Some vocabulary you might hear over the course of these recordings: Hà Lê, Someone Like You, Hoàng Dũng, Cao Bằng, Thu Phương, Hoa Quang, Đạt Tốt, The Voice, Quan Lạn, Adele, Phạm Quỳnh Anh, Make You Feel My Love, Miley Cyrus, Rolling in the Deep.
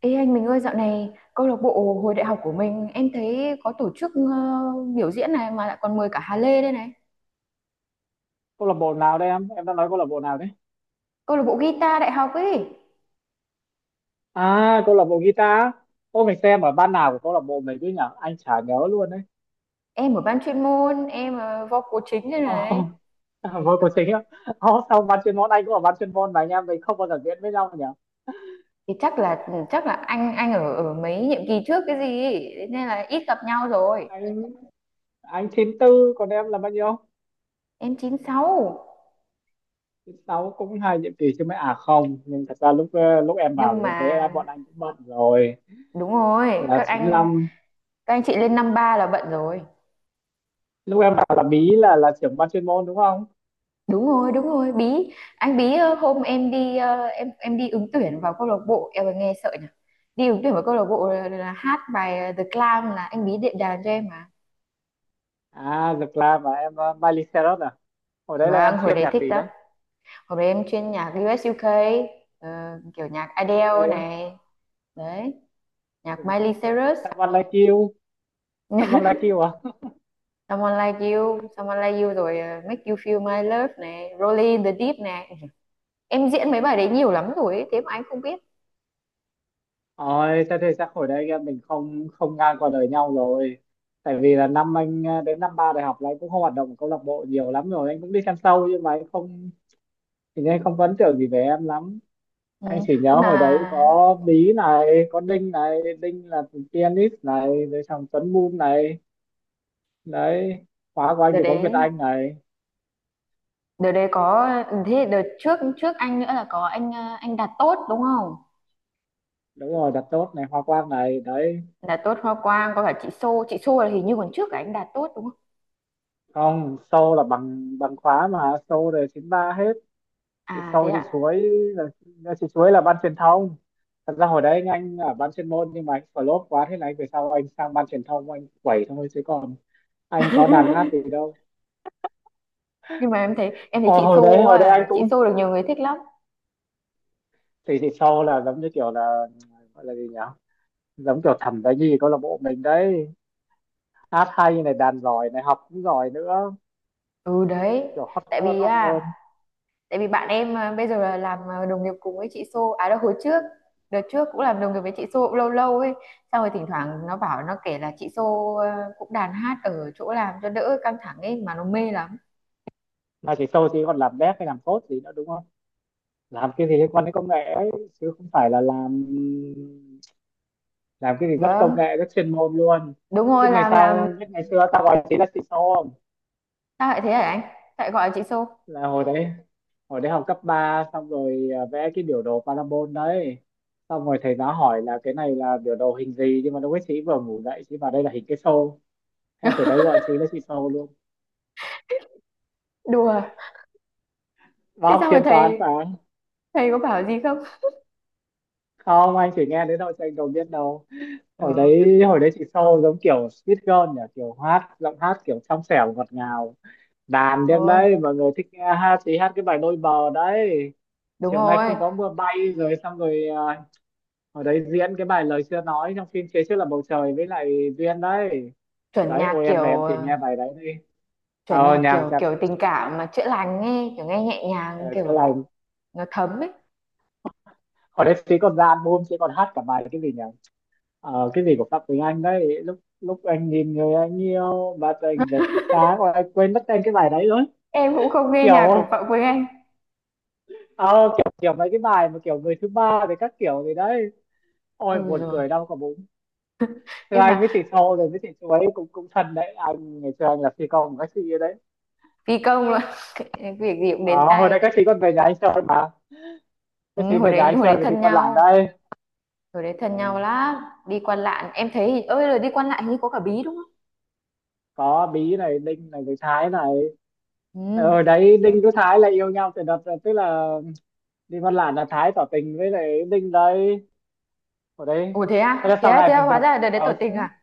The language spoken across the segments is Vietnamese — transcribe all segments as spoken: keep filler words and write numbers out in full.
Ê anh mình ơi, dạo này câu lạc bộ hồi đại học của mình em thấy có tổ chức, ờ, biểu diễn này mà lại còn mời cả Hà Lê đây này. Câu lạc bộ nào đây? Em em đang nói câu lạc bộ nào đấy? Câu lạc bộ guitar đại học ấy. À, câu lạc bộ guitar. Ô, mình xem ở ban nào của câu lạc bộ mình cứ nhở, anh chả nhớ luôn đấy. Em ở ban chuyên môn, em, ờ, vocal chính đây này. Oh, vô Trời, của chính á? Oh, sao ban chuyên môn? Anh cũng ở ban chuyên môn mà anh em mình không bao giờ diễn với nhau nhở. thì chắc là ừ, chắc là anh anh ở ở mấy nhiệm kỳ trước cái gì ấy, thế nên là ít gặp nhau rồi. Anh anh chín tư, còn em là bao nhiêu? Em chín sáu. Chín sáu cũng hai nhiệm kỳ chứ mấy. À không, nhưng thật ra lúc ờ, lúc em vào Nhưng là lúc đấy mà bọn anh cũng bận rồi. đúng rồi, Là các chín anh lăm các anh chị lên năm ba là bận rồi. lúc em vào là bí là là trưởng ban chuyên môn đúng không? Đúng rồi, đúng rồi. Bí anh bí, ờ, hôm em đi, ờ, em em đi ứng tuyển vào câu lạc bộ, em còn nghe sợ nhỉ. Đi ứng tuyển vào câu lạc bộ là, là hát bài, ờ, The Clam là anh Bí đệm đàn cho em mà. À, The Clam mà em, uh, Miley Cyrus à? Hồi đấy là em Vâng, hồi chuyên đấy nhạc thích gì lắm. đấy? Hồi đấy em chuyên nhạc u US u kây, ờ, kiểu nhạc Cái Adele cây á. này. Đấy, À, nhạc đúng. Miley Cyrus. Someone Like You. Someone Like You à? Someone Like You Someone Like You rồi, ờ, Make You Feel My Love này, Rolling in the Deep này, em diễn mấy bài đấy nhiều lắm rồi ấy, thế mà anh không biết. Ôi, thế thì chắc hồi đấy em mình không không ngang qua đời nhau rồi. Tại vì là năm anh ờ, đến năm ba đại học là anh cũng không hoạt động ở câu lạc bộ nhiều lắm rồi, anh cũng đi xem show nhưng mà anh không, thì anh không có ấn tượng gì về em lắm. Ừ. Anh chỉ nhớ Hôm hồi đấy là có Bí này, có Đinh này, Đinh là pianist này, rồi xong Tuấn Moon này. Đấy, khóa của anh đợt thì có Việt đấy Anh này. đợt đấy có, thế đợt trước trước anh nữa là có anh, ờ, anh Đạt Tốt đúng không? Đúng rồi, Đặt Tốt này, Hoa Quang này đấy. Đạt Tốt, Hoa Quang, có cả chị Xô chị Xô là hình như còn trước cả anh Đạt Tốt đúng không? Không, Sâu là bằng bằng khóa mà, Sâu rồi chín ba hết. Thì À thế Sâu thì ạ? Chuối, là là chị Chuối là ban truyền thông. Thật ra hồi đấy anh ở ban chuyên môn nhưng mà anh flop quá, thế này về sau anh sang ban truyền thông anh quẩy thôi, chứ còn anh có đàn hát gì đâu. Nhưng mà em thấy em thấy Ờ, chị hồi Xô đấy hồi đấy anh à chị cũng, Xô được nhiều người thích lắm. thì thì Sâu là giống như kiểu là, gọi là gì nhỉ, giống kiểu thẩm đấy, gì câu lạc bộ mình đấy, hát hay này, đàn giỏi này, học cũng giỏi nữa. Ừ, đấy. Kiểu hot tại girl, vì hot à girl. tại vì bạn em, à, bây giờ là làm, à, đồng nghiệp cùng với chị Xô, à, đâu hồi trước. Đợt trước cũng làm đồng nghiệp với chị Xô cũng lâu lâu ấy, xong rồi thỉnh thoảng nó bảo, nó kể là chị Xô, à, cũng đàn hát ở chỗ làm cho đỡ căng thẳng ấy mà nó mê lắm. Mà chỉ Tôi thì còn làm dev hay làm code gì nữa đúng không? Làm cái gì liên quan đến công nghệ ấy, chứ không phải là làm làm cái gì rất công Vâng, nghệ, rất chuyên môn luôn. đúng rồi, Biết ngày làm làm. sau, biết ngày xưa tao gọi chị là xi i ét o không? Sao lại thế hả anh? Tại gọi là chị Xô. Là hồi đấy, hồi đấy học cấp ba xong rồi, à, vẽ cái biểu đồ parabol đấy, xong rồi thầy giáo hỏi là cái này là biểu đồ hình gì, nhưng mà lúc ấy chị vừa ngủ dậy, chị vào đây là hình cái xô. Thế từ đấy gọi chị là chị Tô luôn. Đùa. Và Thế học sao mà chuyên toán thầy mà không. thầy có bảo gì không? Không, anh chỉ nghe đến đâu cho anh đầu biết đâu. Hồi Ừ. đấy, hồi đấy chị Sâu giống kiểu Sweet Girl nhỉ, kiểu hát, giọng hát kiểu trong trẻo ngọt ngào, đàn điếc Thôi, đấy. Mọi người thích nghe hát thì hát cái bài Đôi Bờ đấy, đúng Chiều Nay rồi. Không Có Mưa Bay rồi xong rồi, à, hồi đấy diễn cái bài Lời Chưa Nói trong phim Phía Trước Là Bầu Trời với lại Duyên đấy. Chuẩn Đấy, nhạc ôi em về em kiểu, tìm ờ, nghe bài đấy đi. chuẩn ờ nhạc Nhạc, kiểu nhạc, kiểu tình cảm mà chữa lành nghe, kiểu nghe nhẹ ờ, nhàng, chữa kiểu lành. nó thấm ấy. Hồi đấy chị còn ra album, chị còn hát cả bài cái gì nhỉ, ờ, cái gì của Phạm Quỳnh Anh đấy, lúc lúc anh nhìn người anh yêu và anh rực sáng. Ôi, anh quên mất tên cái bài đấy rồi. Em cũng không nghe nhạc của Kiểu, Phạm Quỳnh Anh. ờ, kiểu kiểu mấy cái bài mà kiểu người thứ ba với các kiểu gì đấy. Ừ, Ôi buồn rồi. cười đau cả bụng. Thưa Nhưng anh mà với chị Sâu rồi với chị Chú ấy cũng, cũng thân đấy, anh ngày xưa anh là phi công của các chị ấy đấy. phi công là cái việc gì cũng đến Ờ, hồi tay. đấy các chị còn về nhà anh chơi mà, các Ừ, chị hồi về nhà đấy anh hồi chơi đấy rồi thì thân Con Lản nhau, đây. hồi đấy thân nhau Ừ. lắm. Đi Quan Lạn, em thấy hình- ơi rồi đi Quan Lạn hình như có cả Bí đúng không? Có Bí này, Đinh này với Thái này. Ừ. Ờ, hồi đấy Đinh với Thái là yêu nhau từ đợt, tức là đi Con Lản là Thái tỏ tình với lại Đinh đấy, hồi đấy. Ủa thế Thế à? là Thế sau à? này Thế à? mình Hóa gặp, ra là đợt đấy tỏ ờ, tình à?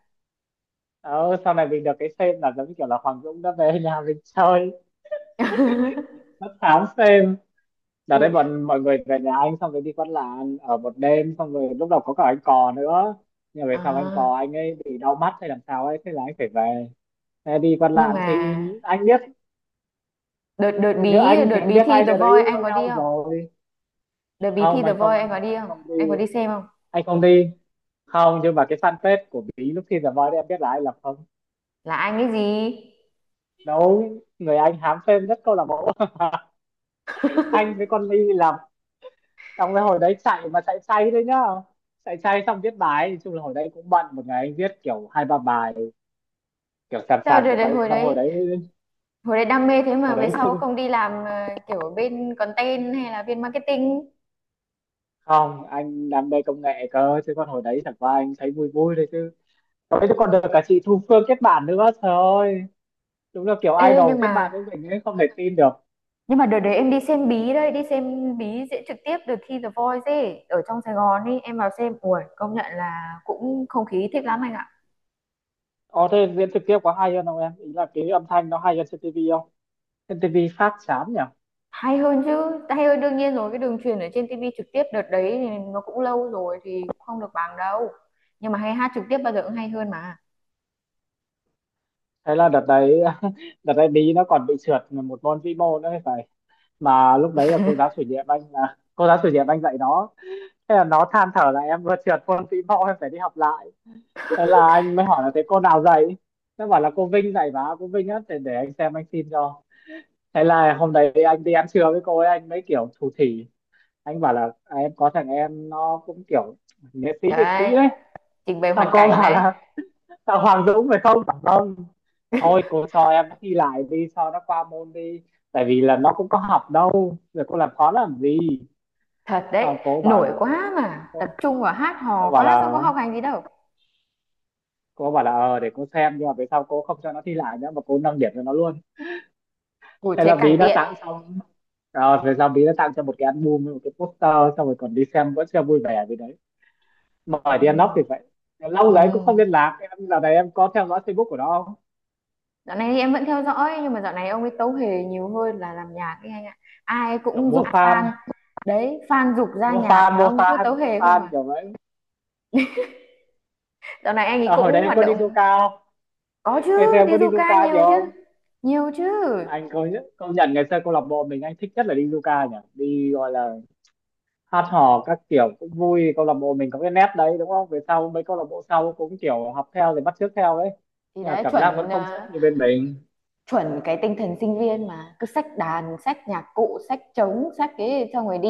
ờ, sau này mình được cái xem là giống như kiểu là Hoàng Dũng đã về nhà mình chơi, tám xem. Đợt Ui. đấy bọn mọi người về nhà anh xong rồi đi Quán Làng ở một đêm, xong rồi lúc đầu có cả anh Cò nữa, nhưng mà về sau anh À, Cò anh ấy bị đau mắt hay làm sao ấy, thế là anh phải về. Thế đi Quán nhưng Làng mà thì anh biết, đợt đợt nếu bí anh đợt thì anh bí biết thi hai The đứa đấy Voice anh yêu có đi nhau không? rồi. Đợt bí thi Không The anh Voice không, anh có đi anh không? không đi, Anh có đi xem không? anh không đi. Không, nhưng mà cái fanpage của Bí lúc khi giờ voi đấy em biết là ai là không? Là anh cái gì? Đúng người, anh hám phim rất câu lạc bộ. Anh với con Ly làm, xong rồi hồi đấy chạy mà chạy say đấy nhá. Chạy say xong viết bài, nói chung là hồi đấy cũng bận, một ngày anh viết kiểu hai ba bài, kiểu sàn Sao sàn đợt, kiểu đợt vậy. hồi Xong hồi đấy đấy, hồi đấy đam mê thế mà hồi về đấy, sau không đi làm, ờ, kiểu ở bên content hay là bên marketing? không, anh đam mê công nghệ cơ, chứ còn hồi đấy chẳng qua anh thấy vui vui thôi chứ. Hồi đấy còn được cả chị Thu Phương kết bạn nữa, trời ơi, đúng là kiểu Ê, idol nhưng kết bạn mà với mình ấy, không thể tin được. nhưng mà đợt đấy em đi xem bí đấy, đi xem bí diễn trực tiếp đợt thi The Voice ấy ở trong Sài Gòn ấy, em vào xem. Ui, công nhận là cũng không khí thích lắm anh ạ. Ồ thế diễn trực tiếp có hay hơn không em? Ý là cái âm thanh nó hay hơn trên ti vi không? Trên ti vi phát chán nhỉ? Hay hơn chứ, hay hơn đương nhiên rồi, cái đường truyền ở trên tivi trực tiếp đợt đấy thì nó cũng lâu rồi thì cũng không được bằng đâu, nhưng mà hay hát trực tiếp bao giờ cũng hay hơn mà. Thế là đợt đấy, đợt đấy Bí nó còn bị trượt một môn vĩ mô nữa thì phải. Mà lúc đấy là cô giáo chủ nhiệm anh, là cô giáo chủ nhiệm anh dạy nó. Thế là nó than thở là em vừa trượt môn vĩ mẫu, em phải đi học lại. Thế là anh mới hỏi là thế cô nào dạy, nó bảo là cô Vinh dạy. Và cô Vinh á, để để anh xem anh xin cho. Thế là hôm đấy anh đi ăn trưa với cô ấy, anh mới kiểu thủ thỉ, anh bảo là, à, em có thằng em nó cũng kiểu nghệ sĩ, nghệ sĩ Đấy, đấy. trình bày Sao hoàn cô cảnh bảo đấy. là, sao Hoàng Dũng phải không, bảo không, thôi cô cho em thi lại đi cho nó qua môn đi, tại vì là nó cũng có học đâu, rồi cô làm khó làm gì. Thật đấy. Sau cô bảo Nổi là, quá mà cô, tập trung vào hát cô hò bảo quá, xong có là, học hành gì đâu. cô bảo là ờ để cô xem. Nhưng mà về sau cô không cho nó thi lại nữa mà cô nâng điểm cho nó luôn. Ủi, Thế thế là càng Bí nó tiện. tặng xong, rồi về sau Bí nó tặng cho một cái album với một cái poster, xong rồi còn đi xem, vẫn chưa vui vẻ gì đấy, mời đi ăn nóc Ừ. thì vậy. Lâu Ừ. đấy cũng không liên lạc, em giờ này em có theo dõi Facebook của nó không? Dạo này thì em vẫn theo dõi, nhưng mà dạo này ông ấy tấu hề nhiều hơn là làm nhạc ấy anh ạ. Ai Kiểu cũng mua giục fan, fan. Đấy, fan giục ra mua nhạc fan mà mua ông cứ fan tấu mua hề không fan à. kiểu vậy. Dạo này anh ấy À, hồi đấy cũng em hoạt có đi du động. cao, Có ngày xưa chứ, em đi có đi du du ca cao nhiều nhiều chứ. không? Nhiều chứ. Anh công nhận, công nhận ngày xưa câu lạc bộ mình anh thích nhất là đi du ca nhỉ, đi gọi là hát hò các kiểu cũng vui, câu lạc bộ mình có cái nét đấy đúng không, về sau mấy câu lạc bộ sau cũng kiểu học theo rồi bắt chước theo đấy, Thì nhưng mà đấy, cảm giác vẫn chuẩn, không ờ, chất như bên mình. chuẩn cái tinh thần sinh viên mà cứ xách đàn, xách nhạc cụ, xách trống, xách cái xong rồi đi,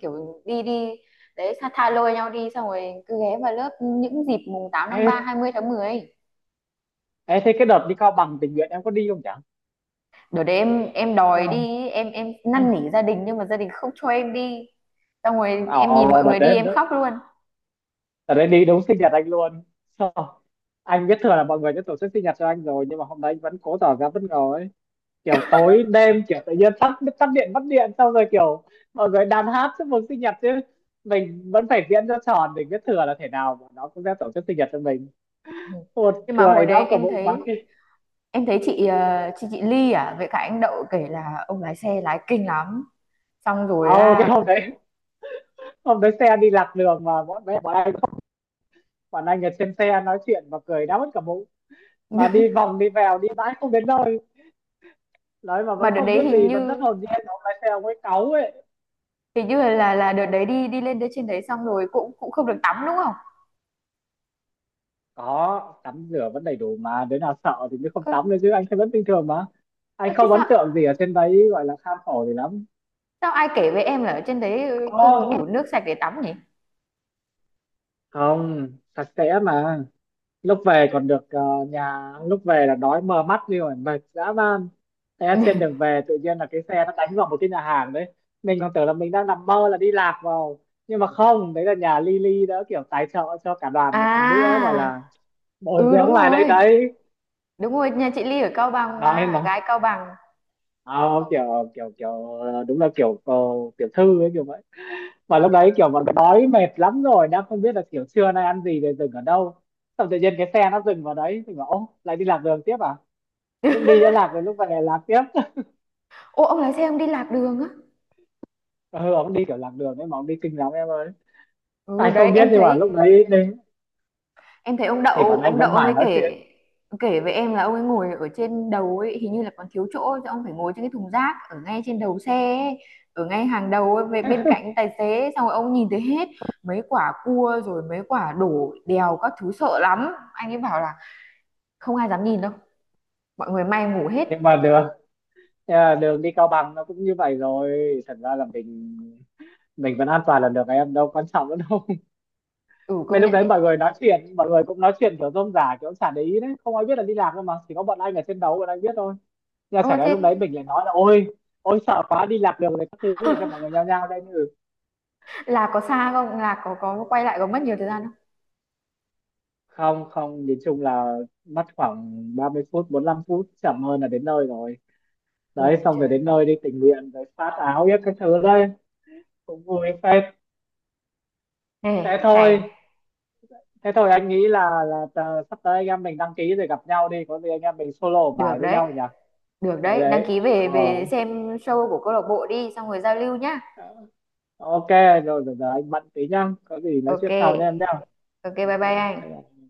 kiểu đi đi. Đấy, tha tha lôi nhau đi xong rồi cứ ghé vào lớp những dịp mùng tám tháng ba, ê, hai mươi tháng mười ấy. Ê thế cái đợt đi Cao Bằng tình nguyện em có đi không, chẳng Đợt đấy em em hay đòi không? đi, em em năn nỉ gia đình nhưng mà gia đình không cho em đi, xong rồi em nhìn Ồ mọi đợt người đi đấy, em đợt khóc luôn. đợt đấy đi đúng sinh nhật anh luôn. Sao? Anh biết thừa là mọi người đã tổ chức sinh nhật cho anh rồi, nhưng mà hôm đấy anh vẫn cố tỏ ra bất ngờ ấy. Kiểu tối đêm kiểu tự nhiên tắt, tắt điện mất điện xong rồi kiểu mọi người đàn hát chúc mừng sinh nhật chứ. Mình vẫn phải diễn cho tròn, để biết thừa là thể nào mà nó cũng sẽ tổ chức sinh nhật cho mình. Ừ. Một Nhưng mà hồi cười đấy đau cả em bụng mặt đi. thấy. Em thấy chị ờ, chị chị Ly à với cả anh Đậu kể là ông lái xe lái kinh lắm. Xong rồi, Ồ, cái à. hôm đấy, hôm đấy xe đi lạc đường mà bọn mẹ bọn anh, bọn anh ở trên xe nói chuyện và cười đau mất cả bụng, mà đi vòng đi vèo đi mãi không đến nơi, nói mà Mà vẫn đợt không đấy biết hình gì, vẫn rất như hồn nhiên, ông lái xe ông ấy cáu ấy. hình như là là đợt đấy đi đi lên tới trên đấy xong rồi cũng cũng không được tắm đúng không? Có tắm rửa vẫn đầy đủ mà, đứa nào sợ thì mới không Ơ tắm nữa, chứ anh thấy vẫn bình thường mà. ơ, Anh thế không ấn sao tượng gì ở trên đấy gọi là kham khổ gì lắm. sao ai kể với em là ở trên đấy, ừ, không có Không, đủ nước sạch để tắm nhỉ? không, sạch sẽ mà. Lúc về còn được, ờ, nhà, lúc về là đói mờ mắt đi rồi, mệt dã man. Thế trên đường về tự nhiên là cái xe nó đánh vào một cái nhà hàng đấy. Mình còn tưởng là mình đang nằm mơ là đi lạc vào, nhưng mà không, đấy là nhà Lily đã kiểu tài trợ cho cả đoàn một bữa gọi À, là bồi ừ đúng dưỡng lại đây rồi. đấy. Đúng rồi, nhà chị Ly ở Cao Bằng Nói mà, gái Cao Bằng. không, kiểu kiểu kiểu ờ, đúng là kiểu, ờ, tiểu thư ấy kiểu vậy. Mà lúc đấy kiểu bọn đói mệt lắm rồi, đang không biết là kiểu trưa nay ăn gì rồi dừng ở đâu, xong tự nhiên cái xe nó dừng vào đấy thì bảo ô lại đi lạc đường tiếp à. Lúc đi đã lạc rồi, lúc về lạc tiếp. Ô, ông lái xe ông đi lạc đường á. Ừ, ông đi kiểu lạc đường ấy mà, ông đi kinh lắm em ơi. Ừ Ai đấy, không biết, em nhưng mà thấy lúc đấy đi em thấy ông thì đậu bọn anh ông đậu vẫn ông mải ấy nói chuyện. kể, kể với em là ông ấy ngồi ở trên đầu ấy hình như là còn thiếu chỗ cho ông phải ngồi trên cái thùng rác ở ngay trên đầu xe ấy, ở ngay hàng đầu ấy, về bên cạnh tài xế, xong rồi ông nhìn thấy hết mấy quả cua rồi mấy quả đổ đèo các thứ sợ lắm, anh ấy bảo là không ai dám nhìn đâu, mọi người may ngủ hết. nhưng mà đường nhưng mà đường đi Cao Bằng nó cũng như vậy rồi. Thật ra là mình mình vẫn an toàn là được em, đâu quan trọng nữa đâu. Ừ Mấy công lúc nhận đấy đấy. mọi người nói chuyện, mọi người cũng nói chuyện kiểu rôm rả, kiểu chả để ý đấy, không ai biết là đi lạc đâu mà, chỉ có bọn anh ở trên đấu bọn anh biết thôi. Nhưng mà Ơ chẳng lẽ thế. lúc đấy mình lại nói là ôi, ôi sợ quá, đi lạc đường này các thứ để cho mọi người nhao nhao đây như, Là có xa không? Là có có quay lại có mất nhiều thời gian không? không không, nhìn chung là mất khoảng ba mươi phút bốn lăm phút chậm hơn là đến nơi rồi. Đấy, Ôi xong rồi trời. đến nơi đi tình nguyện rồi phát áo biết các thứ đấy, cũng vui phết. Thế Ê, hay. thôi, thế thôi, anh nghĩ là là tờ- sắp tới anh em mình đăng ký rồi gặp nhau đi, có gì anh em mình solo Được bài với đấy. nhau nhỉ. Được Đấy đấy, đăng đấy, ký, ờ, về về xem show của câu lạc bộ đi xong rồi giao lưu nhá. ok. Rồi giờ, giờ anh bận tí nhá, có gì nói Ok. chuyện sau nha em nhá. Ok bye Ok, bye bye anh. bye.